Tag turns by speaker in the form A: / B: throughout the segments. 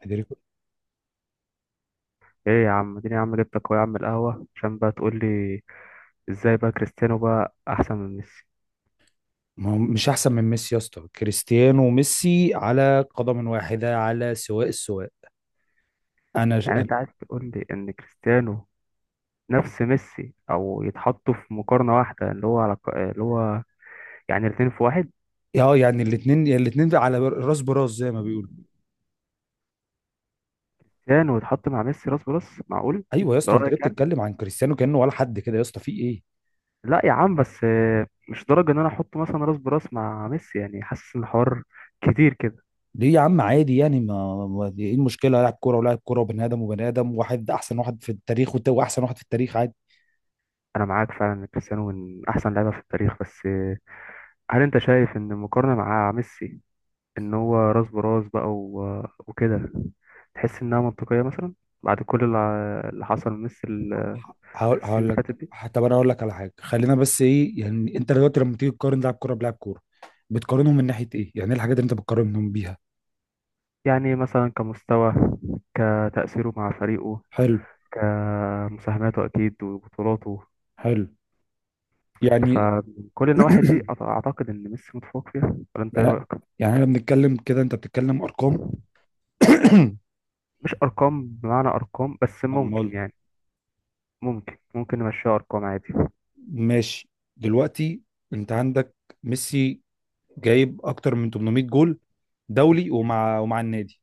A: فيدريكو،
B: ايه يا عم، اديني يا عم، جبتك اهو يا عم القهوة عشان بقى تقول لي ازاي بقى كريستيانو بقى احسن من ميسي.
A: ما هو مش احسن من ميسي يا اسطى. كريستيانو وميسي على قدم واحده، على سواء السواء. انا ش-
B: يعني
A: أنا-
B: انت عايز تقول لي ان كريستيانو نفس ميسي او يتحطوا في مقارنة واحدة، اللي هو يعني الاتنين في واحد؟
A: اه، يعني الاثنين على راس براس زي ما بيقولوا.
B: كريستيانو يتحط مع ميسي راس براس، معقول؟
A: ايوه يا
B: ده
A: اسطى، انت ليه
B: رأيك يعني؟
A: بتتكلم عن كريستيانو كانه ولا حد كده يا اسطى؟ في ايه؟
B: لا يا عم، بس مش درجة ان انا احطه مثلا راس براس مع ميسي، يعني حاسس ان الحوار كتير كده.
A: ليه يا عم؟ عادي يعني. ايه المشكله؟ لاعب كوره ولاعب كوره، وبني ادم وبني ادم. واحد احسن واحد في التاريخ، واحسن واحد في التاريخ، عادي.
B: انا معاك فعلا ان كريستيانو من احسن لعيبة في التاريخ، بس هل انت شايف ان المقارنة مع ميسي ان هو راس براس بقى وكده، تحس انها منطقية مثلا بعد كل اللي حصل من ميسي
A: هقول
B: السنين
A: هقول
B: اللي فاتت
A: لك.
B: دي؟
A: طب انا هقول لك على حاجه. خلينا بس، ايه يعني انت دلوقتي لما تيجي تقارن لاعب كوره بلاعب كوره، بتقارنهم من ناحيه ايه؟ يعني ايه الحاجات اللي انت بتقارنهم بيها؟
B: يعني مثلا كمستوى، كتأثيره مع فريقه،
A: حلو.
B: كمساهماته أكيد وبطولاته.
A: حلو. يعني.
B: فكل النواحي دي أعتقد إن ميسي متفوق فيها، ولا أنت إيه
A: يعني
B: رأيك؟
A: يعني احنا بنتكلم كده، انت بتتكلم ارقام.
B: مش أرقام بمعنى أرقام، بس
A: امال.
B: ممكن يعني ممكن نمشيها أرقام عادي.
A: ماشي. دلوقتي انت عندك ميسي جايب اكتر من 800 جول دولي، ومع النادي،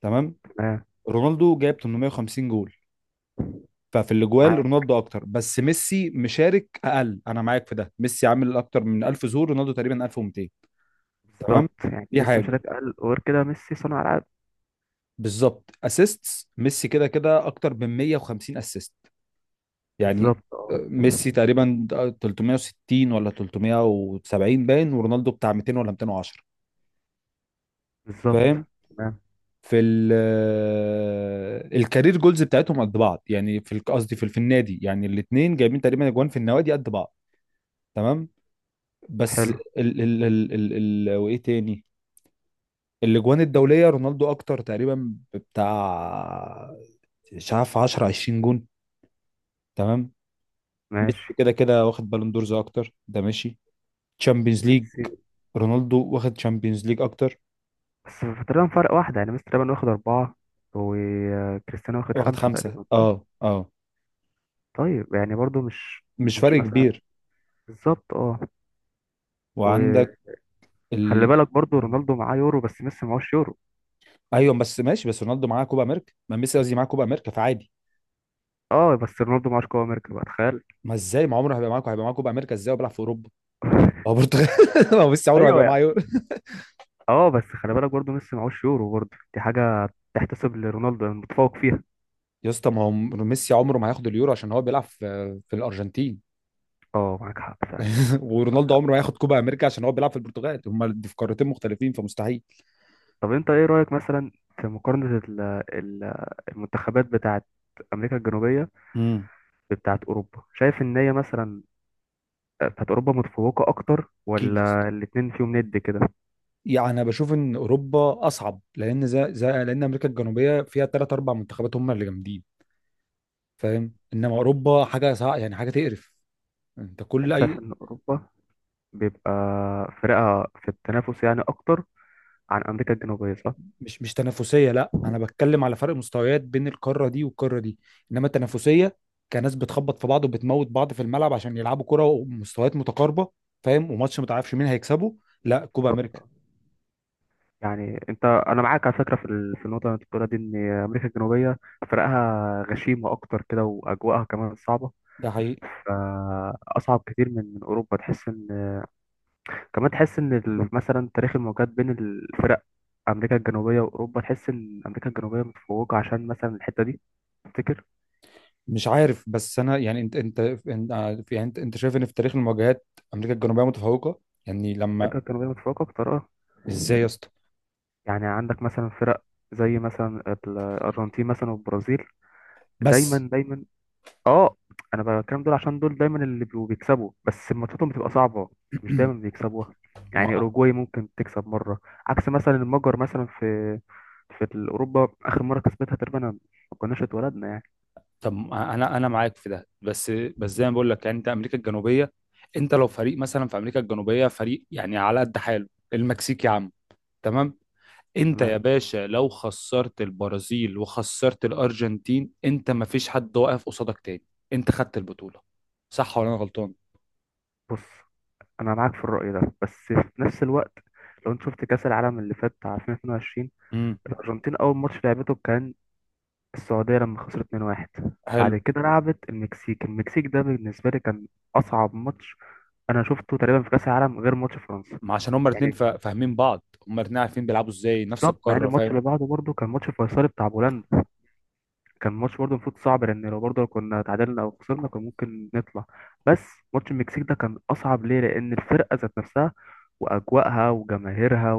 A: تمام.
B: تمام.
A: رونالدو جايب 850 جول. ففي الاجوال
B: معاك.
A: رونالدو اكتر، بس ميسي مشارك اقل، انا معاك في ده. ميسي عامل اكتر من 1000 ظهور، رونالدو تقريبا 1200، تمام.
B: بالظبط، يعني
A: دي
B: ميسي مش
A: حاجه.
B: هيبقى أقل. وغير كده ميسي صانع ألعاب.
A: بالظبط، اسيستس ميسي كده كده اكتر من 150 اسيست، يعني.
B: بالظبط، اه.
A: ميسي تقريبا 360 ولا 370 باين، ورونالدو بتاع 200 ولا 210،
B: بالظبط.
A: فاهم.
B: تمام.
A: في ال آه، الكارير جولز بتاعتهم قد بعض، يعني قصدي في النادي، يعني الاثنين جايبين تقريبا اجوان في النوادي قد بعض، تمام. بس
B: حلو.
A: ال وايه تاني، الاجوان الدوليه رونالدو اكتر تقريبا بتاع، مش عارف، 10 20 جون، تمام.
B: ماشي.
A: ميسي كده كده واخد بالون دورز اكتر، ده ماشي. تشامبيونز ليج،
B: بس
A: رونالدو واخد تشامبيونز ليج اكتر.
B: في تقريبا فرق واحدة، يعني ميسي تقريبا واخد أربعة وكريستيانو واخد
A: واخد
B: خمسة
A: خمسة،
B: تقريبا، صح؟
A: اه اه.
B: طيب يعني برضو مش،
A: مش فرق
B: مش مثلا،
A: كبير.
B: بالظبط اه.
A: وعندك
B: وخلي
A: ال...
B: بالك برضو رونالدو معاه يورو بس ميسي معهوش يورو.
A: ايوه بس ماشي، بس رونالدو معاه كوبا امريكا، ما ميسي قصدي معاه كوبا امريكا، فعادي.
B: اه بس رونالدو معهوش كوبا أمريكا بقى، تخيل.
A: ما ازاي، ما عمره هيبقى معاه، هيبقى معاه كوبا امريكا ازاي وبيلعب في اوروبا؟ هو برتغال. ما هو ميسي عمره
B: ايوه
A: هيبقى معاه
B: يعني.
A: يورو.
B: اه بس خلي بالك برضو ميسي معهوش يورو، برضو دي حاجة تحتسب لرونالدو المتفوق فيها.
A: يا اسطى، ما هو ميسي عمره ما هياخد اليورو عشان هو بيلعب في الارجنتين.
B: اه معاك حق فعلا. معاك
A: ورونالدو
B: حق.
A: عمره ما هياخد كوبا امريكا عشان هو بيلعب في البرتغال. هما دي في قارتين مختلفين فمستحيل.
B: طب انت ايه رأيك مثلا في مقارنة ال- المنتخبات بتاعت امريكا الجنوبية
A: امم.
B: بتاعت اوروبا؟ شايف ان هي مثلا بتاعت اوروبا متفوقة اكتر،
A: اكيد يا اسطى.
B: ولا الاتنين فيهم ند كده؟
A: يعني انا بشوف ان اوروبا اصعب، لان زي زي لان امريكا الجنوبيه فيها ثلاث اربع منتخبات هم اللي جامدين، فاهم. انما اوروبا حاجه يعني حاجه تقرف. انت كل
B: انت
A: اي.
B: شايف ان اوروبا بيبقى فرقها في التنافس يعني اكتر عن امريكا الجنوبية، صح؟
A: مش تنافسيه، لا. انا بتكلم على فرق مستويات بين القاره دي والقاره دي. انما التنافسيه كناس بتخبط في بعض، وبتموت بعض في الملعب عشان يلعبوا كره، ومستويات متقاربه، فاهم، وماتش ما تعرفش مين هيكسبه، لا كوبا امريكا.
B: بالظبط. يعني انا معاك على فكرة في في النقطة اللي انت بتقولها دي، ان امريكا الجنوبية فرقها غشيمة اكتر كده واجواءها كمان صعبة،
A: ده حقيقي.
B: فاصعب كتير من اوروبا. تحس ان، كمان تحس ان مثلا تاريخ المواجهات بين الفرق، امريكا الجنوبيه واوروبا، تحس ان امريكا الجنوبيه متفوقه عشان مثلا الحته دي، تفتكر؟
A: مش عارف، بس انا يعني، انت يعني، انت شايف ان في تاريخ المواجهات امريكا الجنوبيه متفوقه؟ يعني لما.
B: امريكا الجنوبيه متفوقه بطريقه،
A: ازاي يا اسطى؟
B: يعني عندك مثلا فرق زي مثلا الارجنتين مثلا والبرازيل،
A: بس.
B: دايما، اه. انا بتكلم دول عشان دول دايما اللي بيبقوا بيكسبوا، بس ماتشاتهم بتبقى صعبه، مش دايما بيكسبوها. يعني
A: ما
B: اوروجواي ممكن تكسب مره، عكس مثلا المجر مثلا في في اوروبا، اخر مره كسبتها تقريبا ما كناش اتولدنا يعني.
A: طب ما انا معاك في ده، بس زي ما بقول لك، يعني انت امريكا الجنوبيه، انت لو فريق مثلا في امريكا الجنوبيه، فريق يعني على قد حاله، المكسيك يا عم، تمام. انت يا
B: تمام.
A: باشا لو خسرت البرازيل وخسرت الارجنتين، انت ما فيش حد واقف قصادك تاني، انت خدت البطوله. صح ولا انا غلطان؟
B: بص، انا معاك في الرأي ده بس في نفس الوقت، لو انت شفت كأس العالم اللي فات بتاع 2022،
A: امم.
B: الارجنتين اول ماتش لعبته كان السعودية، لما خسرت 2-1. بعد
A: حلو.
B: كده لعبت المكسيك. المكسيك ده بالنسبة لي كان اصعب ماتش انا شفته تقريبا في كأس العالم غير ماتش فرنسا
A: ما عشان هما الاثنين
B: يعني.
A: فاهمين بعض، هما الاثنين عارفين بيلعبوا ازاي، نفس
B: بالظبط، مع ان
A: القاره،
B: الماتش
A: فاهم.
B: اللي بعده برضه كان ماتش فيصلي بتاع بولندا، كان ماتش برضه المفروض صعب لان لو برضه كنا اتعادلنا او خسرنا كان ممكن نطلع. بس ماتش المكسيك ده كان اصعب ليه؟ لان الفرقة ذات نفسها واجواءها وجماهيرها،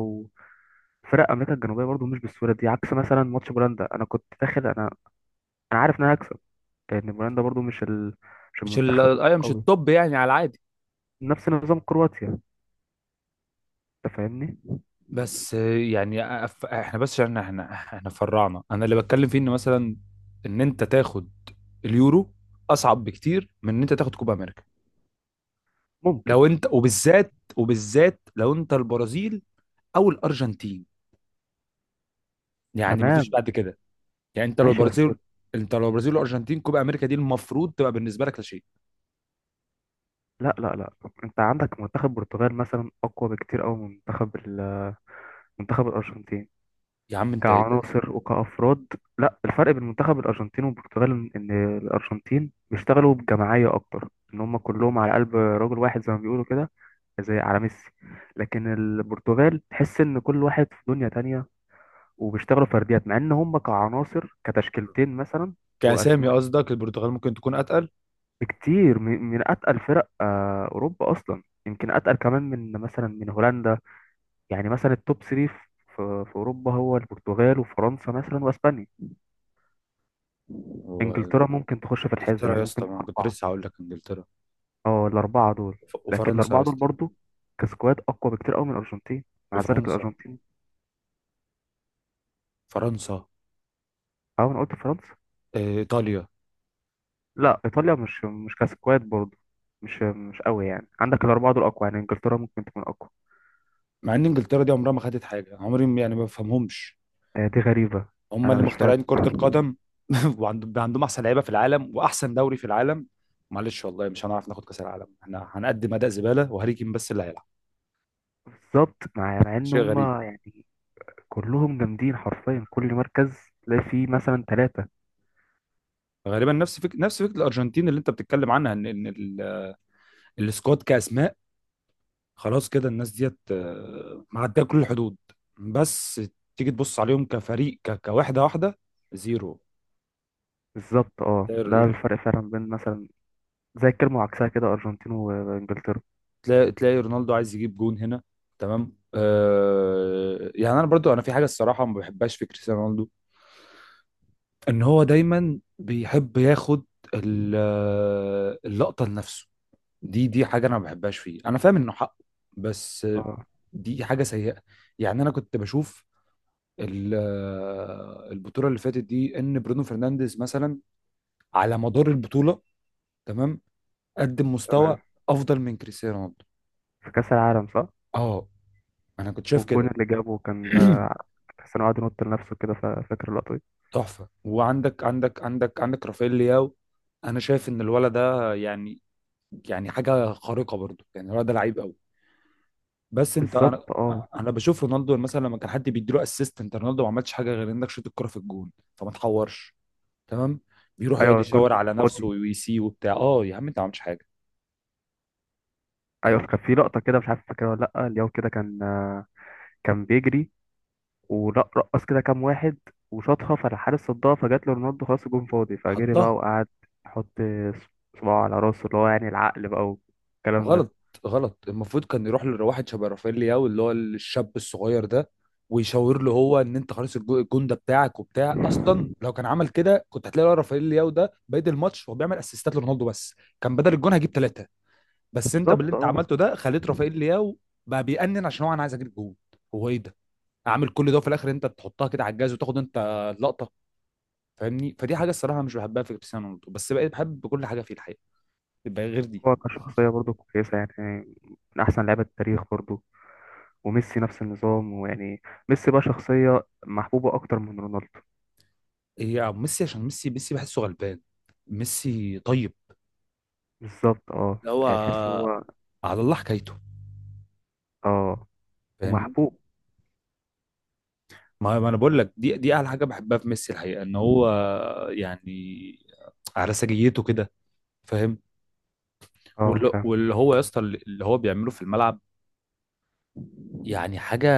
B: فرق امريكا الجنوبيه برضو مش بالسهوله دي. عكس مثلا ماتش بولندا، انا كنت داخل انا انا عارف ان انا هكسب، لان بولندا برضو مش
A: مش ال...
B: المنتخب
A: أيوة، مش
B: القوي،
A: التوب يعني، على العادي.
B: نفس نظام كرواتيا، انت فاهمني.
A: بس يعني احنا بس عشان احنا فرعنا، انا اللي بتكلم فيه ان مثلا، ان انت تاخد اليورو اصعب بكتير من ان انت تاخد كوبا امريكا،
B: ممكن
A: لو انت،
B: ممكن
A: وبالذات لو انت البرازيل او الارجنتين، يعني مفيش
B: تمام.
A: بعد كده. يعني انت لو
B: ماشي بس.
A: البرازيل، انت لو البرازيل والارجنتين، كوبا امريكا دي المفروض تبقى بالنسبه لك لا شيء.
B: لا لا لا، انت عندك منتخب البرتغال مثلا اقوى بكتير قوي من منتخب منتخب الارجنتين
A: يا عم انت إيه ده؟
B: كعناصر وكأفراد. لا، الفرق بين منتخب الأرجنتين والبرتغال إن إن الأرجنتين بيشتغلوا بجماعية أكتر، إن هم كلهم على قلب رجل واحد زي ما بيقولوا كده، زي على ميسي. لكن البرتغال تحس إن كل واحد في دنيا تانية، وبيشتغلوا فرديات، مع إن هم كعناصر كتشكيلتين مثلا
A: كاسامي
B: وأسماء
A: قصدك البرتغال ممكن تكون اتقل.
B: بكتير من أتقل فرق أوروبا، أصلا يمكن أتقل كمان من مثلا من هولندا. يعني مثلا التوب 3 في في أوروبا هو البرتغال وفرنسا مثلا وأسبانيا. انجلترا
A: وانجلترا.
B: ممكن تخش في الحسبة، يعني
A: يا اسطى
B: ممكن
A: ما
B: تبقى
A: أنا كنت
B: أربعة.
A: لسه هقول لك انجلترا،
B: اه الأربعة دول. لكن
A: وفرنسا يا
B: الأربعة دول
A: اسطى.
B: برضو كسكواد أقوى بكتير أوي من الأرجنتين، مع ذلك
A: وفرنسا.
B: الأرجنتين.
A: فرنسا.
B: أه أنا قلت فرنسا.
A: ايطاليا.
B: لا إيطاليا مش كسكواد برضو، مش قوي. يعني عندك الأربعة دول أقوى، يعني إنجلترا ممكن تكون أقوى.
A: مع ان انجلترا دي عمرها ما خدت حاجه، عمري ما- يعني ما بفهمهمش.
B: دي غريبة.
A: هم
B: أنا
A: اللي
B: مش
A: مخترعين
B: فاهم.
A: كره القدم. وعندهم احسن لعيبه في العالم، واحسن دوري في العالم. معلش، والله مش هنعرف ناخد كاس العالم. احنا هنقدم اداء زباله، وهاري كين بس اللي هيلعب.
B: بالظبط، مع إن
A: شيء غريب.
B: هما يعني كلهم جامدين حرفيا. كل مركز تلاقي فيه مثلا ثلاثة.
A: غالبا نفس فكره، نفس فكره الارجنتين اللي انت بتتكلم عنها، ان ان السكواد كاسماء، خلاص كده، الناس ديت معديه كل الحدود. بس تيجي تبص عليهم كفريق، كوحده واحده، زيرو.
B: بالظبط، اه. ده الفرق فعلا بين مثلا زي الكلمة وعكسها كده، أرجنتين وإنجلترا.
A: تلاقي رونالدو عايز يجيب جون هنا. تمام. آه يعني انا برضو، انا في حاجه الصراحه ما بحبهاش في كريستيانو رونالدو، ان هو دايما بيحب ياخد اللقطه لنفسه. دي حاجه انا ما بحبهاش فيه، انا فاهم انه حقه، بس
B: اه.
A: دي حاجه سيئه. يعني انا كنت بشوف البطوله اللي فاتت دي، ان برونو فرنانديز مثلا على مدار البطوله، تمام، قدم مستوى
B: تمام.
A: افضل من كريستيانو رونالدو.
B: في كأس العالم صح؟
A: اه، انا كنت شايف
B: والجون
A: كده.
B: اللي جابه كان كريستيانو قعد ينط لنفسه كده، فاكر اللقطة دي؟
A: تحفه. وعندك عندك عندك عندك رافائيل لياو. انا شايف ان الولد ده يعني، يعني حاجه خارقه برضو، يعني الولد ده لعيب قوي. بس انت انا
B: بالظبط، اه.
A: انا بشوف رونالدو مثلا، لما كان حد بيديله اسيست، انت رونالدو ما عملش حاجه غير انك شوت الكره في الجون، فما تحورش، تمام. بيروح يقعد
B: ايوه الجون
A: يشاور
B: ده
A: على نفسه
B: فاضي.
A: ويسي وبتاع، اه يا عم انت ما عملتش حاجه يا عم.
B: ايوه، كان في لقطة كده مش عارف فاكرها ولا لأ، اليوم كده كان كان بيجري ورقص كده كام واحد وشاطها، فالحارس صدها، فجات له رونالدو خلاص الجون فاضي، فجري بقى
A: حطها.
B: وقعد يحط صباعه على راسه اللي هو يعني العقل بقى والكلام ده.
A: غلط. غلط، المفروض كان يروح لواحد شبه رافائيل لياو، اللي هو الشاب الصغير ده، ويشاور له هو ان انت خلاص، الجون ده بتاعك، وبتاع. اصلا لو كان عمل كده، كنت هتلاقي الواد رافائيل لياو ده بادئ الماتش، هو بيعمل اسيستات لرونالدو بس، كان بدل الجون هجيب ثلاثه. بس انت باللي
B: بالظبط،
A: انت
B: اه.
A: عملته ده خليت رافائيل لياو بقى بيأنن، عشان هو انا عايز اجيب جون. هو ايه ده؟ عامل كل ده، وفي الاخر انت بتحطها كده على الجهاز وتاخد انت اللقطه، فاهمني. فدي حاجه الصراحه مش بحبها في كريستيانو رونالدو، بس بقيت بحب كل حاجه فيه الحقيقه، يبقى غير دي.
B: هو كشخصية برضه كويسة يعني، من أحسن لعيبة التاريخ برضه. وميسي نفس النظام ويعني، ميسي بقى شخصية محبوبة أكتر من رونالدو.
A: هي ميسي، عشان ميسي، بحسه غلبان، ميسي طيب،
B: بالظبط، اه.
A: اللي هو
B: يعني تحس هو،
A: على الله حكايته،
B: اه،
A: فاهمني.
B: ومحبوب.
A: ما انا بقول لك، دي اعلى حاجه بحبها في ميسي الحقيقه، ان هو يعني على سجيته كده، فاهم.
B: اه
A: واللي
B: فاهم.
A: واللي هو يا اسطى، اللي هو بيعمله في الملعب، يعني حاجه،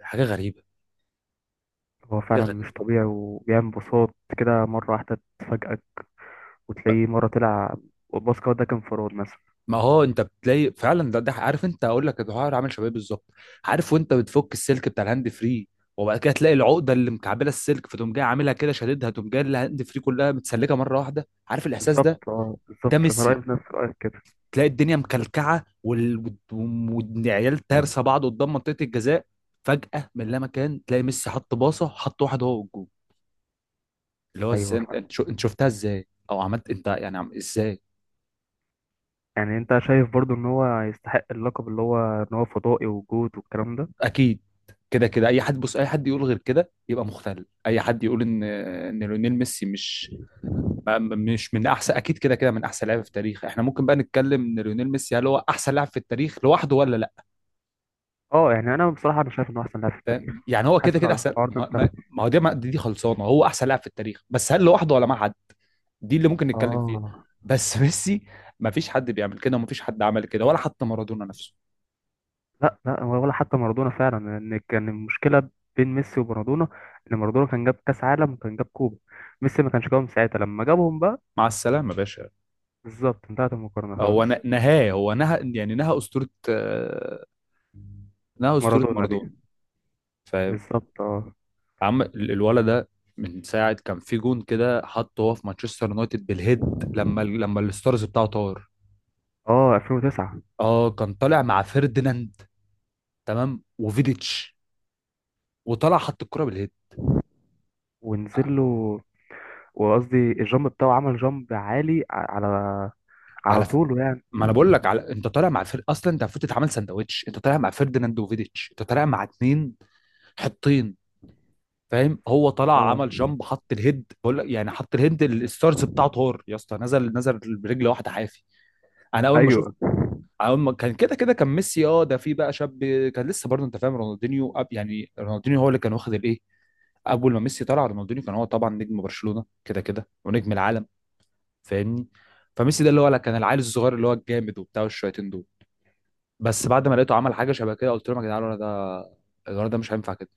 A: حاجه غريبه.
B: هو
A: حاجه
B: فعلا مش
A: غريبه.
B: طبيعي، وبيعمل بساط كده مرة واحدة تفاجئك وتلاقيه مرة طلع. والباسكت ده كان انفراد مثلا.
A: ما هو انت بتلاقي فعلا ده، ده عارف، انت هقول لك الحوار عامل شباب بالظبط، عارف، وانت بتفك السلك بتاع الهاند فري، وبعد كده تلاقي العقده اللي مكعبله السلك، فتقوم جاي عاملها كده شاددها، تقوم جاي الهاند فري كلها متسلكه مره واحده، عارف الاحساس
B: بالظبط
A: ده؟
B: اه.
A: ده
B: بالظبط، أنا رأيي
A: ميسي.
B: بنفس رأيك كده.
A: تلاقي الدنيا مكلكعه، والعيال تارسه بعض قدام منطقه الجزاء، فجاه من لا مكان تلاقي ميسي حط باصه، حط واحد هو والجول، اللي هو ازاي؟
B: أيوه
A: انت
B: فاهم.
A: انت شفتها ازاي او عملت انت يعني عم ازاي؟
B: يعني أنت شايف برضو إن هو يستحق اللقب اللي هو إن هو فضائي وجود والكلام ده؟
A: اكيد. كده كده، اي حد بص، اي حد يقول غير كده يبقى مختل. اي حد يقول ان ان ليونيل ميسي مش مش من احسن، اكيد كده كده من احسن لاعب في التاريخ. احنا ممكن بقى نتكلم ان ليونيل ميسي هل هو احسن لاعب في التاريخ لوحده ولا لا،
B: اه يعني أنا بصراحة أنا شايف إنه أحسن لاعب في
A: فاهم.
B: التاريخ.
A: يعني هو كده
B: حاسس
A: كده
B: إن
A: احسن.
B: الحوار ده
A: ما
B: انتهى.
A: ما ما هو دي دي دي خلصانه، هو احسن لاعب في التاريخ، بس هل لوحده ولا مع حد؟ دي اللي ممكن نتكلم فيها.
B: اه.
A: بس ميسي، ما فيش حد بيعمل كده، وما فيش حد عمل كده ولا حتى مارادونا نفسه.
B: لا لا، ولا حتى مارادونا فعلا، لان كان المشكله بين ميسي ومارادونا ان مارادونا كان جاب كاس عالم وكان جاب كوبا، ميسي ما كانش جابهم ساعتها. لما جابهم بقى،
A: مع السلامه يا باشا.
B: بالظبط، انتهت المقارنه
A: هو
B: خلاص.
A: نهاه، هو نهى يعني، نهى اسطوره، انها اسطوره
B: مارادونا دي،
A: مارادونا، فاهم.
B: بالظبط اه.
A: عم الولد ده، من ساعه كان في جون كده حطه هو في مانشستر يونايتد بالهيد، لما لما الستارز بتاعه طار.
B: اه 2009.
A: اه، كان طالع مع فيرديناند، تمام، وفيديتش، وطلع حط الكره بالهيد.
B: ونزل له، وقصدي الجامب بتاعه عمل جامب عالي على على
A: على ف...
B: طوله يعني.
A: ما انا بقول لك على، انت طالع مع اصلا انت المفروض تتعامل سندوتش، انت طالع مع فيرديناند وفيديتش، انت طالع مع اتنين حطين، فاهم. هو طلع
B: اه.
A: عمل جامب، حط الهيد، بقول لك يعني، حط الهيد، ال- الستارز بتاعه طار يا اسطى. نزل، برجل واحده حافي. انا اول ما،
B: ايوه.
A: أول ما كان كده كده كان ميسي. اه ده في بقى شاب، كان لسه برضه، انت فاهم، رونالدينيو أب يعني. رونالدينيو هو اللي كان واخد الايه، اول ما ميسي طلع رونالدينيو كان هو طبعا نجم برشلونة كده كده ونجم العالم، فاهمني. فميسي ده اللي هو لا، كان العيل الصغير اللي هو الجامد وبتاع والشويتين دول، بس بعد ما لقيته عمل حاجة شبه كده، قلت لهم يا جدعان الولد ده، الولد ده مش هينفع كده،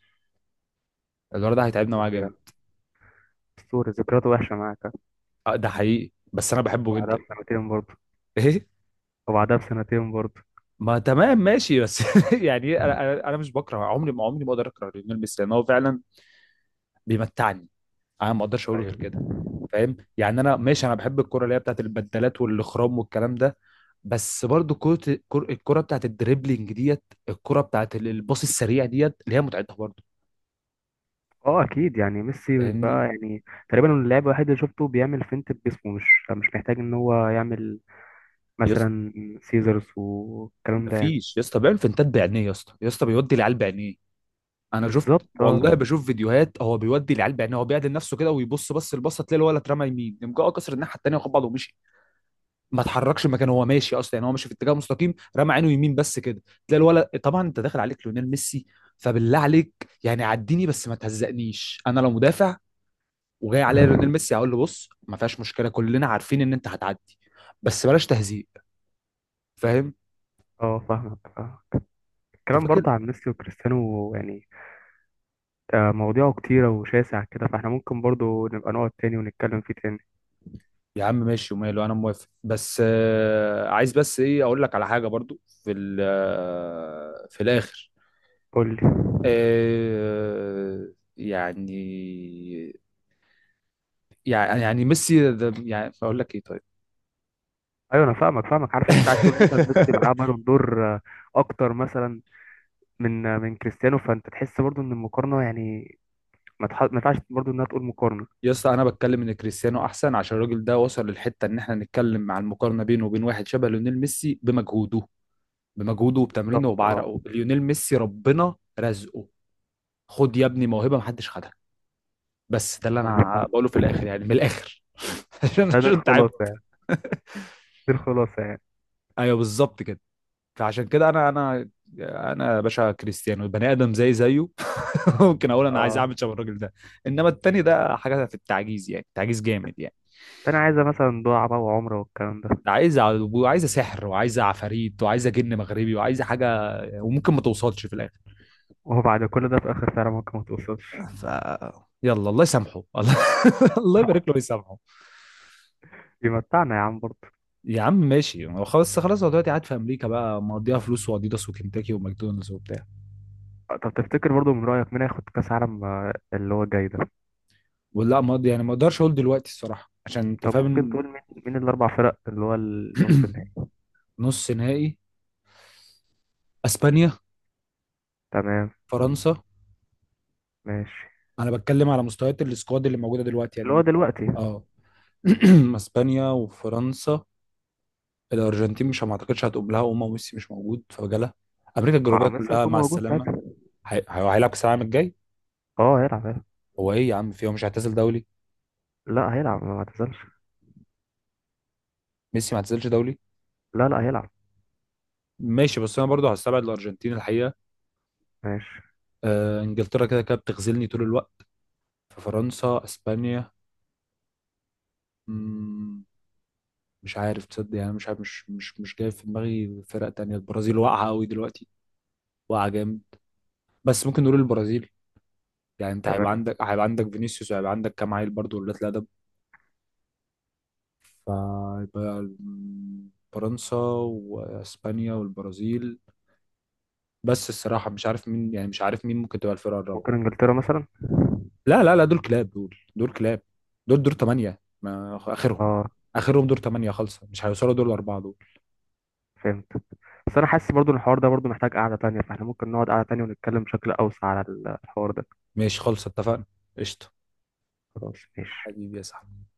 A: الولد ده هيتعبنا معاه
B: اسطوري
A: جامد.
B: يعني، اسطوري. ذكرياته وحشه معاك.
A: ده حقيقي، بس انا بحبه
B: وبعدها
A: جدا.
B: بسنتين برضه.
A: ايه.
B: وبعدها بسنتين برضه.
A: ما تمام ماشي، بس يعني إيه، انا انا أنا مش بكره، عمري ما اقدر اكره ليونيل ميسي، لان هو فعلا بيمتعني. انا ما اقدرش اقول غير
B: ايوه.
A: كده، فاهم. يعني انا ماشي، انا بحب الكرة اللي هي بتاعت البدلات والاخرام والكلام ده، بس برضو كرة الكرة بتاعت الدريبلينج ديت، الكرة بتاعت الباص السريع ديت، اللي هي متعتها برضو،
B: اه اكيد، يعني ميسي
A: فاهمني.
B: بقى يعني تقريبا اللاعب الوحيد اللي شفته بيعمل فينت بجسمه، مش محتاج ان هو يعمل
A: يا اسطى
B: مثلا سيزرز والكلام ده يعني.
A: مفيش، يا اسطى بيعمل فنتات بعينيه يا اسطى، يا اسطى بيودي العيال بعينيه. انا شفت
B: بالظبط اه.
A: والله، بشوف فيديوهات، هو بيودي العيال بعينيه، هو بيعدل نفسه كده ويبص، بس البصه تلاقي الولد اترمى يمين، يقوم جاي كسر الناحيه التانيه وخد بعضه ومشي. ما اتحركش مكانه، هو ماشي اصلا يعني، هو ماشي في اتجاه مستقيم، رمى عينه يمين بس كده، تلاقي الولد طبعا. انت داخل عليك ليونيل ميسي، فبالله عليك، يعني عديني بس ما تهزقنيش. انا لو مدافع وجاي عليا ليونيل ميسي، هقول له بص ما فيهاش مشكله، كلنا عارفين ان انت هتعدي، بس بلاش تهزيق، فاهم.
B: اه فاهمك.
A: انت
B: الكلام
A: فاكر.
B: برضه عن ميسي وكريستيانو يعني مواضيعه كتيرة وشاسع كده، فاحنا ممكن برضه نبقى نقعد تاني ونتكلم فيه تاني.
A: يا عم ماشي وماله انا موافق، بس آه عايز بس ايه اقول لك على حاجه برضو في في الاخر.
B: قول لي.
A: آه. يعني، يعني ميسي يعني اقول لك ايه طيب.
B: ايوه انا فاهمك، عارف إن انت عايز تقول مثلا ميسي معاه بالون دور اكتر مثلا من من كريستيانو، فانت تحس برضه ان المقارنة يعني ما ينفعش برضه انها تقول مقارنة.
A: يا اسطى، انا بتكلم ان كريستيانو احسن عشان الراجل ده وصل للحته ان احنا نتكلم عن المقارنه بينه وبين واحد شبه ليونيل ميسي بمجهوده، وبتمرينه
B: بالظبط، اه.
A: وبعرقه. ليونيل ميسي ربنا رزقه، خد يا ابني موهبه محدش خدها. بس ده اللي
B: أنا فاهم.
A: انا بقوله في الاخر، يعني من الاخر. عشان
B: ده ده
A: عشان
B: الخلاصة
A: تعبت.
B: يعني. دي الخلاصة يعني.
A: ايوه بالظبط كده. فعشان كده انا يا باشا كريستيانو بني ادم زي زيه. ممكن اقول انا عايز
B: اه.
A: اعمل شبه الراجل ده، انما التاني ده حاجه في التعجيز، يعني تعجيز جامد يعني.
B: ده انا عايزة مثلا دعاء بقى وعمرة والكلام ده.
A: عايزه وعايزه سحر وعايزه عفاريت وعايزه جن مغربي وعايزه حاجه، وممكن ما توصلش في الاخر.
B: وهو بعد كل ده في الاخر فعلا ممكن ما توصلش.
A: ف. يلا الله يسامحه. الله، الله يبارك له ويسامحه.
B: يمتعنا يا عم برضه.
A: يا عم ماشي، هو خلاص، هو دلوقتي قاعد في امريكا بقى مقضيها فلوس واديداس وكنتاكي وماكدونالدز وبتاع.
B: طب تفتكر برضه من رأيك مين هياخد كأس عالم اللي هو جاي ده؟
A: ولا مقضي يعني، ما اقدرش اقول دلوقتي الصراحه عشان انت
B: طب ممكن
A: فاهم.
B: تقول مين مين الأربع فرق اللي هو النص النهائي؟
A: نص نهائي. اسبانيا.
B: تمام.
A: فرنسا.
B: ماشي.
A: انا بتكلم على مستويات السكواد اللي موجوده دلوقتي
B: اللي هو
A: يعني.
B: دلوقتي.
A: اه. اسبانيا وفرنسا. الارجنتين مش، ما اعتقدش هتقوم لها، وما ميسي مش موجود فجاله، امريكا الجنوبيه
B: اه ميسي
A: كلها
B: هيكون
A: مع
B: موجود
A: السلامه.
B: ساعتها.
A: هيلعب كاس العالم الجاي.
B: اه هيلعب هيلعب.
A: هو ايه يا عم؟ في، هو مش هيعتزل دولي؟
B: لا هيلعب ما اعتزلش.
A: ميسي ما اعتزلش دولي.
B: لا لا هيلعب.
A: ماشي، بس انا برضه هستبعد الارجنتين الحقيقه.
B: ماشي.
A: آه انجلترا كده كده بتغزلني طول الوقت. ففرنسا، اسبانيا. مم، مش عارف تصدق يعني، مش عارف، مش جاي في دماغي فرق تانية. البرازيل واقعه قوي دلوقتي، واقعه جامد. بس ممكن نقول البرازيل، يعني انت هيبقى
B: تمام.
A: عندك، فينيسيوس وهيبقى عندك كام عيل برضه ولاد الادب. فيبقى فرنسا واسبانيا والبرازيل. بس الصراحه مش عارف مين يعني، مش عارف مين ممكن تبقى الفرقه الرابعه.
B: ممكن انجلترا مثلا.
A: لا لا لا، دول كلاب، دول كلاب، دول دور ثمانيه ما اخرهم.
B: اه
A: اخرهم دور ثمانيه خالصه، مش هيوصلوا دور الاربعه دول.
B: فهمت. بس انا حاسس برضو إن الحوار ده برضو محتاج قعدة تانية، فاحنا ممكن نقعد قعدة تانية ونتكلم بشكل اوسع على الحوار ده.
A: ماشي خالصه، اتفقنا. قشطه.
B: خلاص ماشي.
A: حبيبي يا صاحبي.